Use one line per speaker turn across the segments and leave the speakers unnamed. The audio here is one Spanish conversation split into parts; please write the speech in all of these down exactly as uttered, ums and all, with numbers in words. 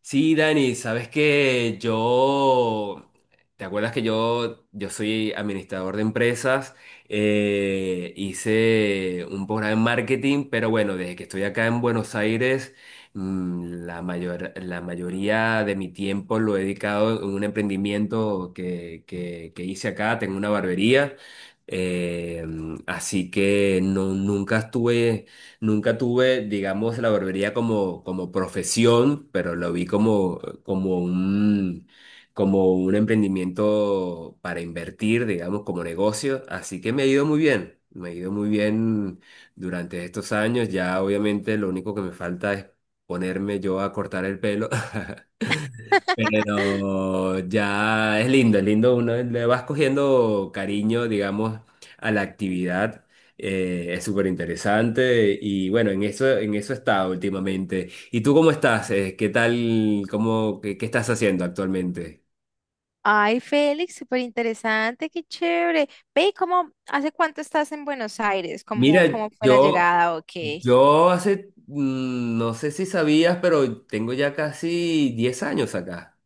Sí, Dani, sabes que yo, ¿te acuerdas que yo, yo soy administrador de empresas? Eh, hice un programa en marketing, pero bueno, desde que estoy acá en Buenos Aires, mm, la mayor, la mayoría de mi tiempo lo he dedicado en un emprendimiento que, que, que hice acá, tengo una barbería. Eh, así que no, nunca estuve nunca tuve, digamos, la barbería como, como profesión, pero lo vi como, como un, como un emprendimiento para invertir, digamos, como negocio. Así que me ha ido muy bien, me ha ido muy bien durante estos años. Ya obviamente lo único que me falta es ponerme yo a cortar el pelo. Pero ya es lindo, es lindo, uno le vas cogiendo cariño, digamos, a la actividad. Eh, es súper interesante y bueno, en eso, en eso está últimamente. ¿Y tú cómo estás? Eh, ¿Qué tal? ¿Cómo, qué, qué estás haciendo actualmente?
Ay, Félix, súper interesante, qué chévere. Ve, ¿y ¿cómo, hace cuánto estás en Buenos Aires? ¿Cómo,
Mira,
cómo fue la
yo,
llegada o qué?
yo hace, mm, no sé si sabías, pero tengo ya casi diez años acá.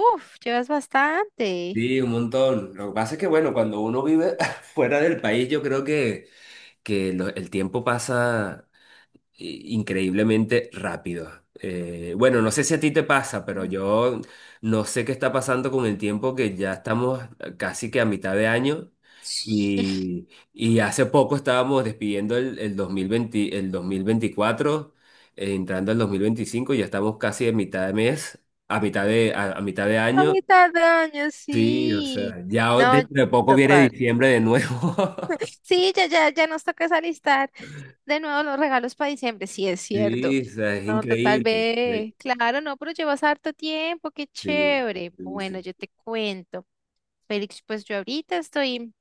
Uf, llevas bastante.
Sí, un montón. Lo que pasa es que, bueno, cuando uno vive fuera del país, yo creo que que lo- el tiempo pasa i- increíblemente rápido. Eh, bueno, no sé si a ti te pasa, pero
Mm.
yo no sé qué está pasando con el tiempo, que ya estamos eh, casi que a mitad de año y, y hace poco estábamos despidiendo el, el dos mil veinte, el dos mil veinticuatro, eh, entrando al dos mil veinticinco, y ya estamos casi a mitad de mes, a mitad de, a, a mitad de
A
año.
mitad de año,
Sí, o
sí.
sea, ya
No,
dentro de poco viene
total.
diciembre de nuevo.
Sí, ya, ya, ya nos toca es alistar de nuevo los regalos para diciembre. Sí, es cierto.
Sí, o sea, es
No, total,
increíble.
ve. Claro, no, pero llevas harto tiempo, qué
Sí,
chévere.
sí,
Bueno,
sí.
yo te cuento. Félix, pues yo ahorita estoy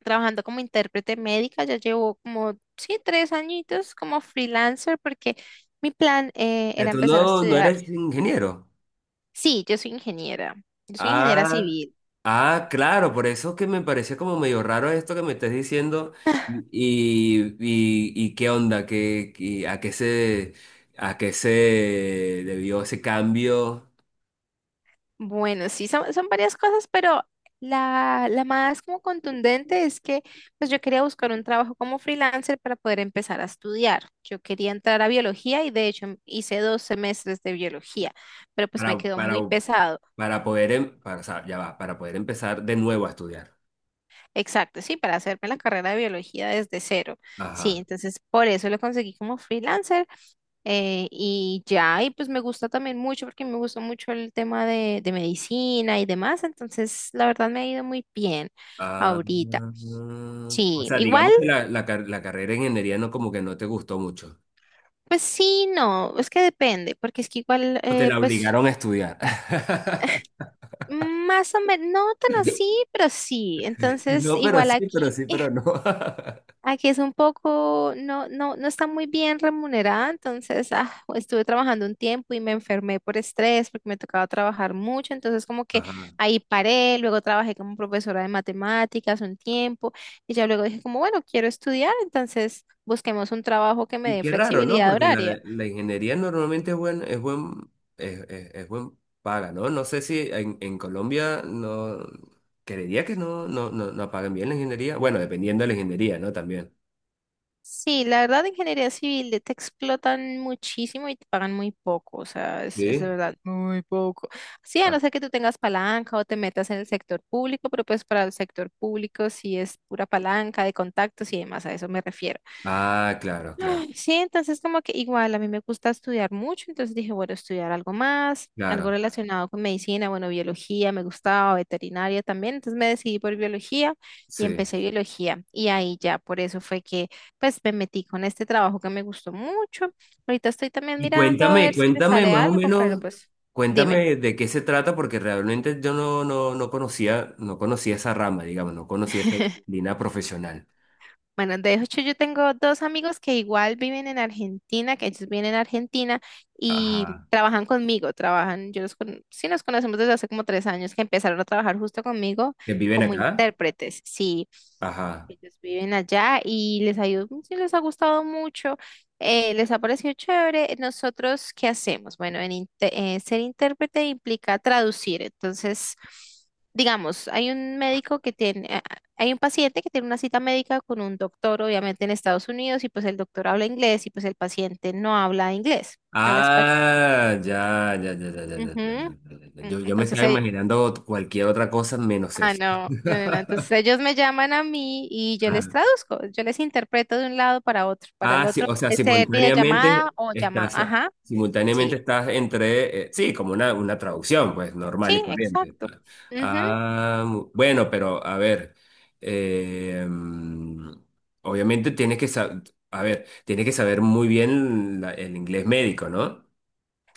trabajando como intérprete médica, ya llevo como, sí, tres añitos como freelancer, porque mi plan eh,
Pero
era
tú
empezar a
no, no
estudiar.
eres ingeniero.
Sí, yo soy ingeniera, yo soy ingeniera
Ah,
civil.
ah, claro, por eso que me parecía como medio raro esto que me estás diciendo. Y, y, y qué onda, ¿Qué, qué- a qué se, a qué se debió ese cambio
Bueno, sí, son, son varias cosas, pero la, la más como contundente es que pues yo quería buscar un trabajo como freelancer para poder empezar a estudiar. Yo quería entrar a biología y de hecho hice dos semestres de biología, pero pues me
para,
quedó
para,
muy pesado.
para poder, em- para, o sea, ya va, para poder empezar de nuevo a estudiar.
Exacto, sí, para hacerme la carrera de biología desde cero. Sí,
Ajá.
entonces por eso lo conseguí como freelancer. Eh, y ya, y pues me gusta también mucho porque me gusta mucho el tema de, de medicina y demás, entonces la verdad me ha ido muy bien
Ah,
ahorita.
o
Sí,
sea,
igual,
digamos que la, la car- la carrera de ingeniería no, como que no te gustó mucho.
pues sí, no, es que depende, porque es que igual,
O te
eh,
la
pues
obligaron a estudiar.
más o menos, no tan así, pero sí, entonces
No, pero
igual
sí, pero
aquí.
sí, pero no.
Aquí es un poco, no, no, no está muy bien remunerada, entonces ah, estuve trabajando un tiempo y me enfermé por estrés porque me tocaba trabajar mucho, entonces como que
Ajá.
ahí paré, luego trabajé como profesora de matemáticas un tiempo y ya luego dije como, bueno, quiero estudiar, entonces busquemos un trabajo que me
Y
dé
qué raro, ¿no?
flexibilidad
Porque la,
horaria.
la ingeniería normalmente es buen, es buen, es, es- es buen paga, ¿no? No sé si en, en Colombia no creería que no, no, no, no pagan bien la ingeniería. Bueno, dependiendo de la ingeniería, ¿no? También.
Sí, la verdad, ingeniería civil te explotan muchísimo y te pagan muy poco, o sea, es, es de
Sí.
verdad muy poco. Sí, a
Ah,
no ser que tú tengas palanca o te metas en el sector público, pero pues para el sector público sí es pura palanca de contactos y demás, a eso me refiero.
ah, claro, claro,
Ay, sí, entonces como que igual a mí me gusta estudiar mucho, entonces dije, bueno, estudiar algo más, algo
claro.
relacionado con medicina, bueno, biología, me gustaba, veterinaria también, entonces me decidí por biología y
Sí.
empecé biología y ahí ya, por eso fue que pues me metí con este trabajo que me gustó mucho. Ahorita estoy también
Y
mirando a
cuéntame,
ver si me
cuéntame
sale
más o
algo, pero
menos,
pues dime.
cuéntame de qué se trata, porque realmente yo no, no, no conocía, no conocía esa rama, digamos, no conocía esa línea profesional.
Bueno, de hecho yo tengo dos amigos que igual viven en Argentina, que ellos viven en Argentina y
Ajá.
trabajan conmigo, trabajan, yo los con, sí nos conocemos desde hace como tres años que empezaron a trabajar justo conmigo
¿Que viven
como
acá?
intérpretes, sí,
Ajá.
ellos viven allá y les ha ido- sí les ha gustado mucho, eh, les ha parecido chévere. Nosotros, ¿qué hacemos? Bueno, en inte- eh, ser intérprete implica traducir, entonces… Digamos, hay un médico que tiene, hay un paciente que tiene una cita médica con un doctor, obviamente en Estados Unidos, y pues el doctor habla inglés y pues el paciente no habla inglés, habla español.
Ah, ya, ya, ya, ya, ya, ya,
Ujú.
ya, ya, ya, ya.
Mm,
Yo, yo me
entonces,
estaba
ell-
imaginando ot- cualquier otra cosa menos
ah,
eso.
no, no, no, no. Entonces ellos me llaman a mí y yo les
Ajá.
traduzco, yo les interpreto de un lado para otro, para el
Ah, sí,
otro,
o sea,
puede ser videollamada
simultáneamente
o llamada.
estás,
Ajá,
simultáneamente
sí,
estás entre, eh, sí, como una, una traducción, pues, normal y
sí,
corriente.
exacto.
Ah, mu- bueno, pero a ver, eh, mm, obviamente tienes que saber, a ver, tienes que saber muy bien la- el inglés médico, ¿no?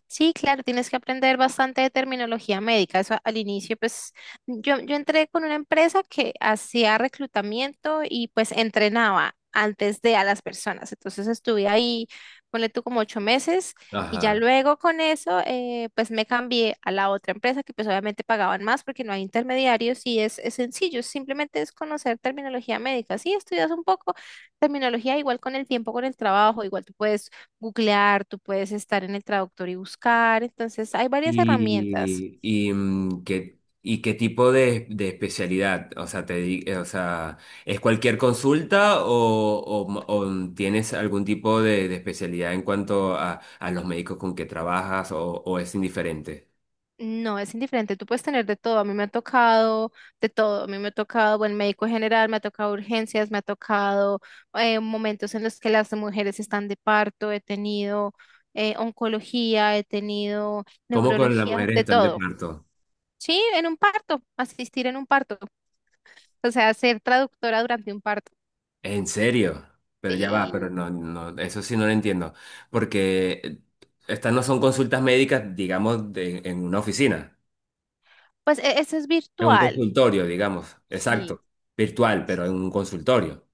Sí, claro, tienes que aprender bastante de terminología médica. Eso al inicio, pues yo, yo entré con una empresa que hacía reclutamiento y pues entrenaba antes de a las personas. Entonces estuve ahí, ponle tú como ocho meses y ya
Ajá.
luego con eso, eh, pues me cambié a la otra empresa que pues obviamente pagaban más porque no hay intermediarios y es, es sencillo, simplemente es conocer terminología médica. Sí, estudias un poco terminología igual con el tiempo, con el trabajo, igual tú puedes googlear, tú puedes estar en el traductor y buscar, entonces hay varias herramientas.
Y, y, mm, ¿qué, y qué tipo de, de especialidad? O sea, te, di- eh, o sea, ¿es cualquier consulta o, o m- o, mm, tienes algún tipo de, de especialidad en cuanto a, a los médicos con que trabajas o, o es indiferente?
No, es indiferente, tú puedes tener de todo, a mí me ha tocado de todo, a mí me ha tocado buen médico general, me ha tocado urgencias, me ha tocado eh, momentos en los que las mujeres están de parto, he tenido eh, oncología, he tenido
¿Cómo con las
neurología,
mujeres que
de
están de
todo.
parto?
Sí, en un parto, asistir en un parto, o sea, ser traductora durante un parto.
¿En serio? Pero ya va, pero
Y
no, no, eso sí no lo entiendo. Porque eh, estas no son consultas médicas, digamos, de- en una oficina.
pues e- eso es
Es un
virtual,
consultorio, digamos,
sí.
exacto, virtual, pero en un consultorio.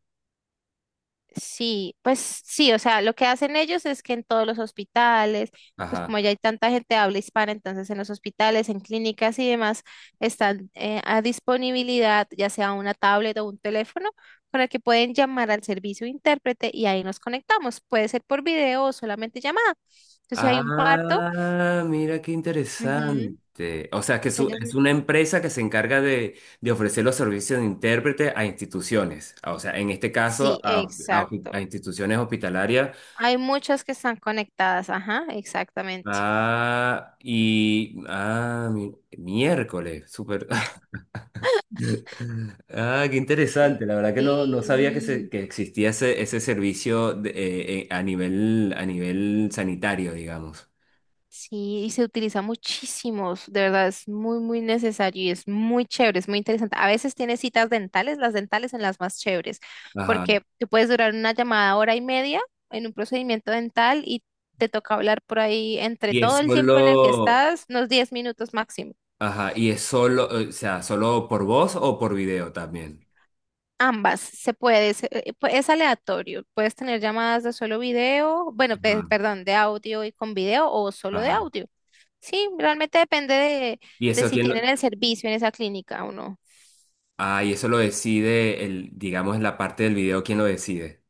Sí, pues sí, o sea, lo que hacen ellos es que en todos los hospitales, pues
Ajá.
como ya hay tanta gente de habla hispana, entonces en los hospitales, en clínicas y demás, están eh, a disponibilidad ya sea una tablet o un teléfono para que pueden llamar al servicio de intérprete y ahí nos conectamos. Puede ser por video o solamente llamada. Entonces, si hay un parto,
Ah, mira qué
ujú,
interesante. O sea, que
pues
es u-
ellas
es
me-
una empresa que se encarga de, de ofrecer los servicios de intérprete a instituciones. Ah, o sea, en este caso,
sí,
a, a- a
exacto.
instituciones hospitalarias.
Hay muchas que están conectadas, ajá, exactamente.
Ah, y, ah, mi- miércoles, súper. Ah, qué
Sí.
interesante. La verdad que no, no sabía que, se-
Sí.
que existía ese, ese servicio de- eh, eh, a nivel, a nivel sanitario, digamos.
Sí, y se utiliza muchísimo, s- de verdad es muy, muy necesario y es muy chévere, es muy interesante. A veces tienes citas dentales, las dentales son las más chéveres,
Ajá.
porque tú puedes durar una llamada hora y media en un procedimiento dental y te toca hablar por ahí entre
Y es
todo el tiempo en el que
solo,
estás, unos diez minutos máximo.
ajá, y es solo, o sea, solo por voz o por video también.
Ambas, se puede, se- eh, pu- es aleatorio, puedes tener llamadas de solo video, bueno, pe-
Ajá,
perdón, de audio y con video o solo de
ajá.
audio. Sí, realmente depende de,
Y
de
eso
si
quién
tienen
lo,
el servicio en esa clínica o no.
ah, y eso lo decide el, digamos, en la parte del video, ¿quién lo decide?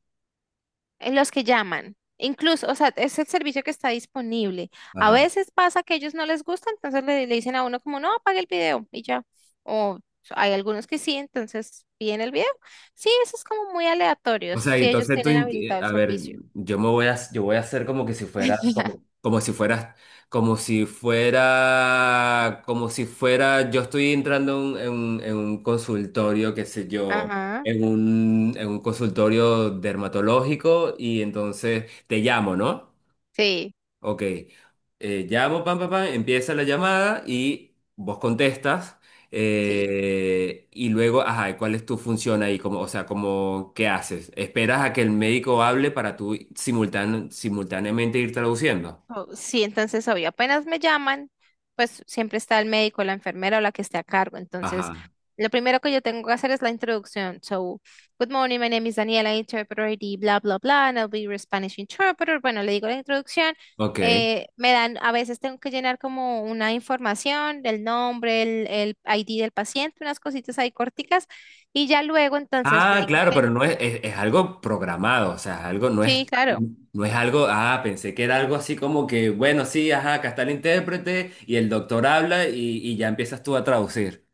En los que llaman. Incluso, o sea, es el servicio que está disponible. A
Ajá.
veces pasa que ellos no les gusta, entonces le, le dicen a uno como, no, apague el video y ya. O hay algunos que sí, entonces piden el video. Sí, eso es como muy aleatorio,
O sea, y
si ellos
entonces tú,
tienen
int- eh,
habilitado el
a ver,
servicio.
yo me voy a, yo voy a hacer como que si fuera, como, como si fuera, como si fuera, como si fuera, yo estoy entrando en, en un en un consultorio, qué sé yo,
Ajá,
en un, en un consultorio dermatológico y entonces te llamo, ¿no?
sí,
Ok, eh, llamo, pam, pam, pam, empieza la llamada y vos contestas
sí.
eh, y luego, ajá, ¿cuál es tu función ahí? Como, o sea, como, ¿qué haces? ¿Esperas a que el médico hable para tú simultán- simultáneamente ir traduciendo?
Oh, sí, entonces obvio, apenas me llaman, pues siempre está el médico, la enfermera o la que esté a cargo. Entonces,
Ajá,
lo primero que yo tengo que hacer es la introducción. So, good morning, my name is Daniela, interpreter I D, bla, bla, bla, and I'll be your Spanish interpreter. Bueno, le digo la introducción.
ok.
Eh, me dan, a veces tengo que llenar como una información del nombre, el, el I D del paciente, unas cositas ahí corticas, y ya luego entonces le
Ah,
digo
claro, pero
que,
no es, es, es algo programado, o sea, es algo, no es,
sí, claro.
no es algo, ah, pensé que era algo así como que, bueno, sí, ajá, acá está el intérprete y el doctor habla y, y ya empiezas tú a traducir.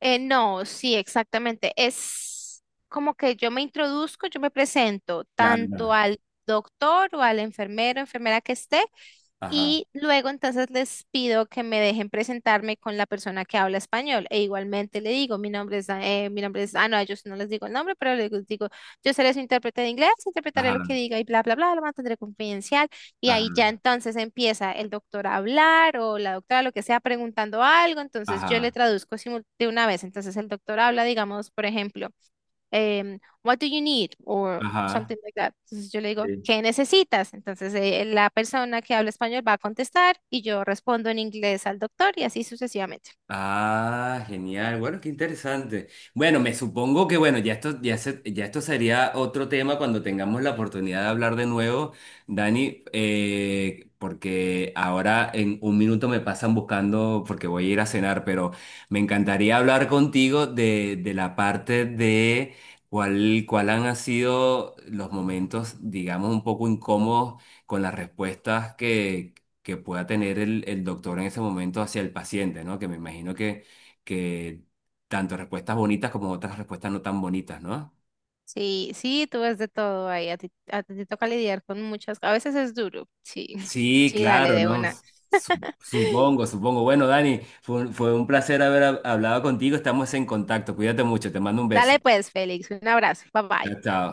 Eh, no, sí, exactamente. Es como que yo me introduzco, yo me presento tanto
Claro,
al doctor o al enfermero, enfermera que esté,
ajá.
y luego entonces les pido que me dejen presentarme con la persona que habla español. E igualmente le digo, mi nombre es, da- eh, mi nombre es, ah, no, yo no les digo el nombre, pero les digo, yo seré su intérprete de inglés, interpretaré lo que
Ajá,
diga y bla, bla, bla, lo mantendré confidencial. Y
ajá,
ahí ya entonces empieza el doctor a hablar o la doctora lo que sea preguntando algo, entonces yo le
ajá,
traduzco simul- de una vez. Entonces el doctor habla, digamos, por ejemplo, em, What do you need? Or
ajá.
something like that. Entonces yo le digo,
Sí.
¿qué necesitas? Entonces eh, la persona que habla español va a contestar y yo respondo en inglés al doctor y así sucesivamente.
Ah, genial. Bueno, qué interesante. Bueno, me supongo que bueno, ya esto, ya se- ya esto sería otro tema cuando tengamos la oportunidad de hablar de nuevo, Dani, eh, porque ahora en un minuto me pasan buscando porque voy a ir a cenar, pero me encantaría hablar contigo de, de la parte de cuál, cuál han sido los momentos, digamos, un poco incómodos con las respuestas que pueda tener el, el doctor en ese momento hacia el paciente, ¿no? Que me imagino que, que tanto respuestas bonitas como otras respuestas no tan bonitas, ¿no?
Sí, sí, tú ves de todo ahí, a ti, a ti te toca lidiar con muchas, a veces es duro, sí,
Sí,
sí, dale
claro,
de
¿no?
una.
Su- Supongo, supongo. Bueno, Dani, fue, un- fue un placer haber hab- hablado contigo. Estamos en contacto. Cuídate mucho. Te mando un beso.
Dale pues, Félix, un abrazo, bye bye.
Chao, chao.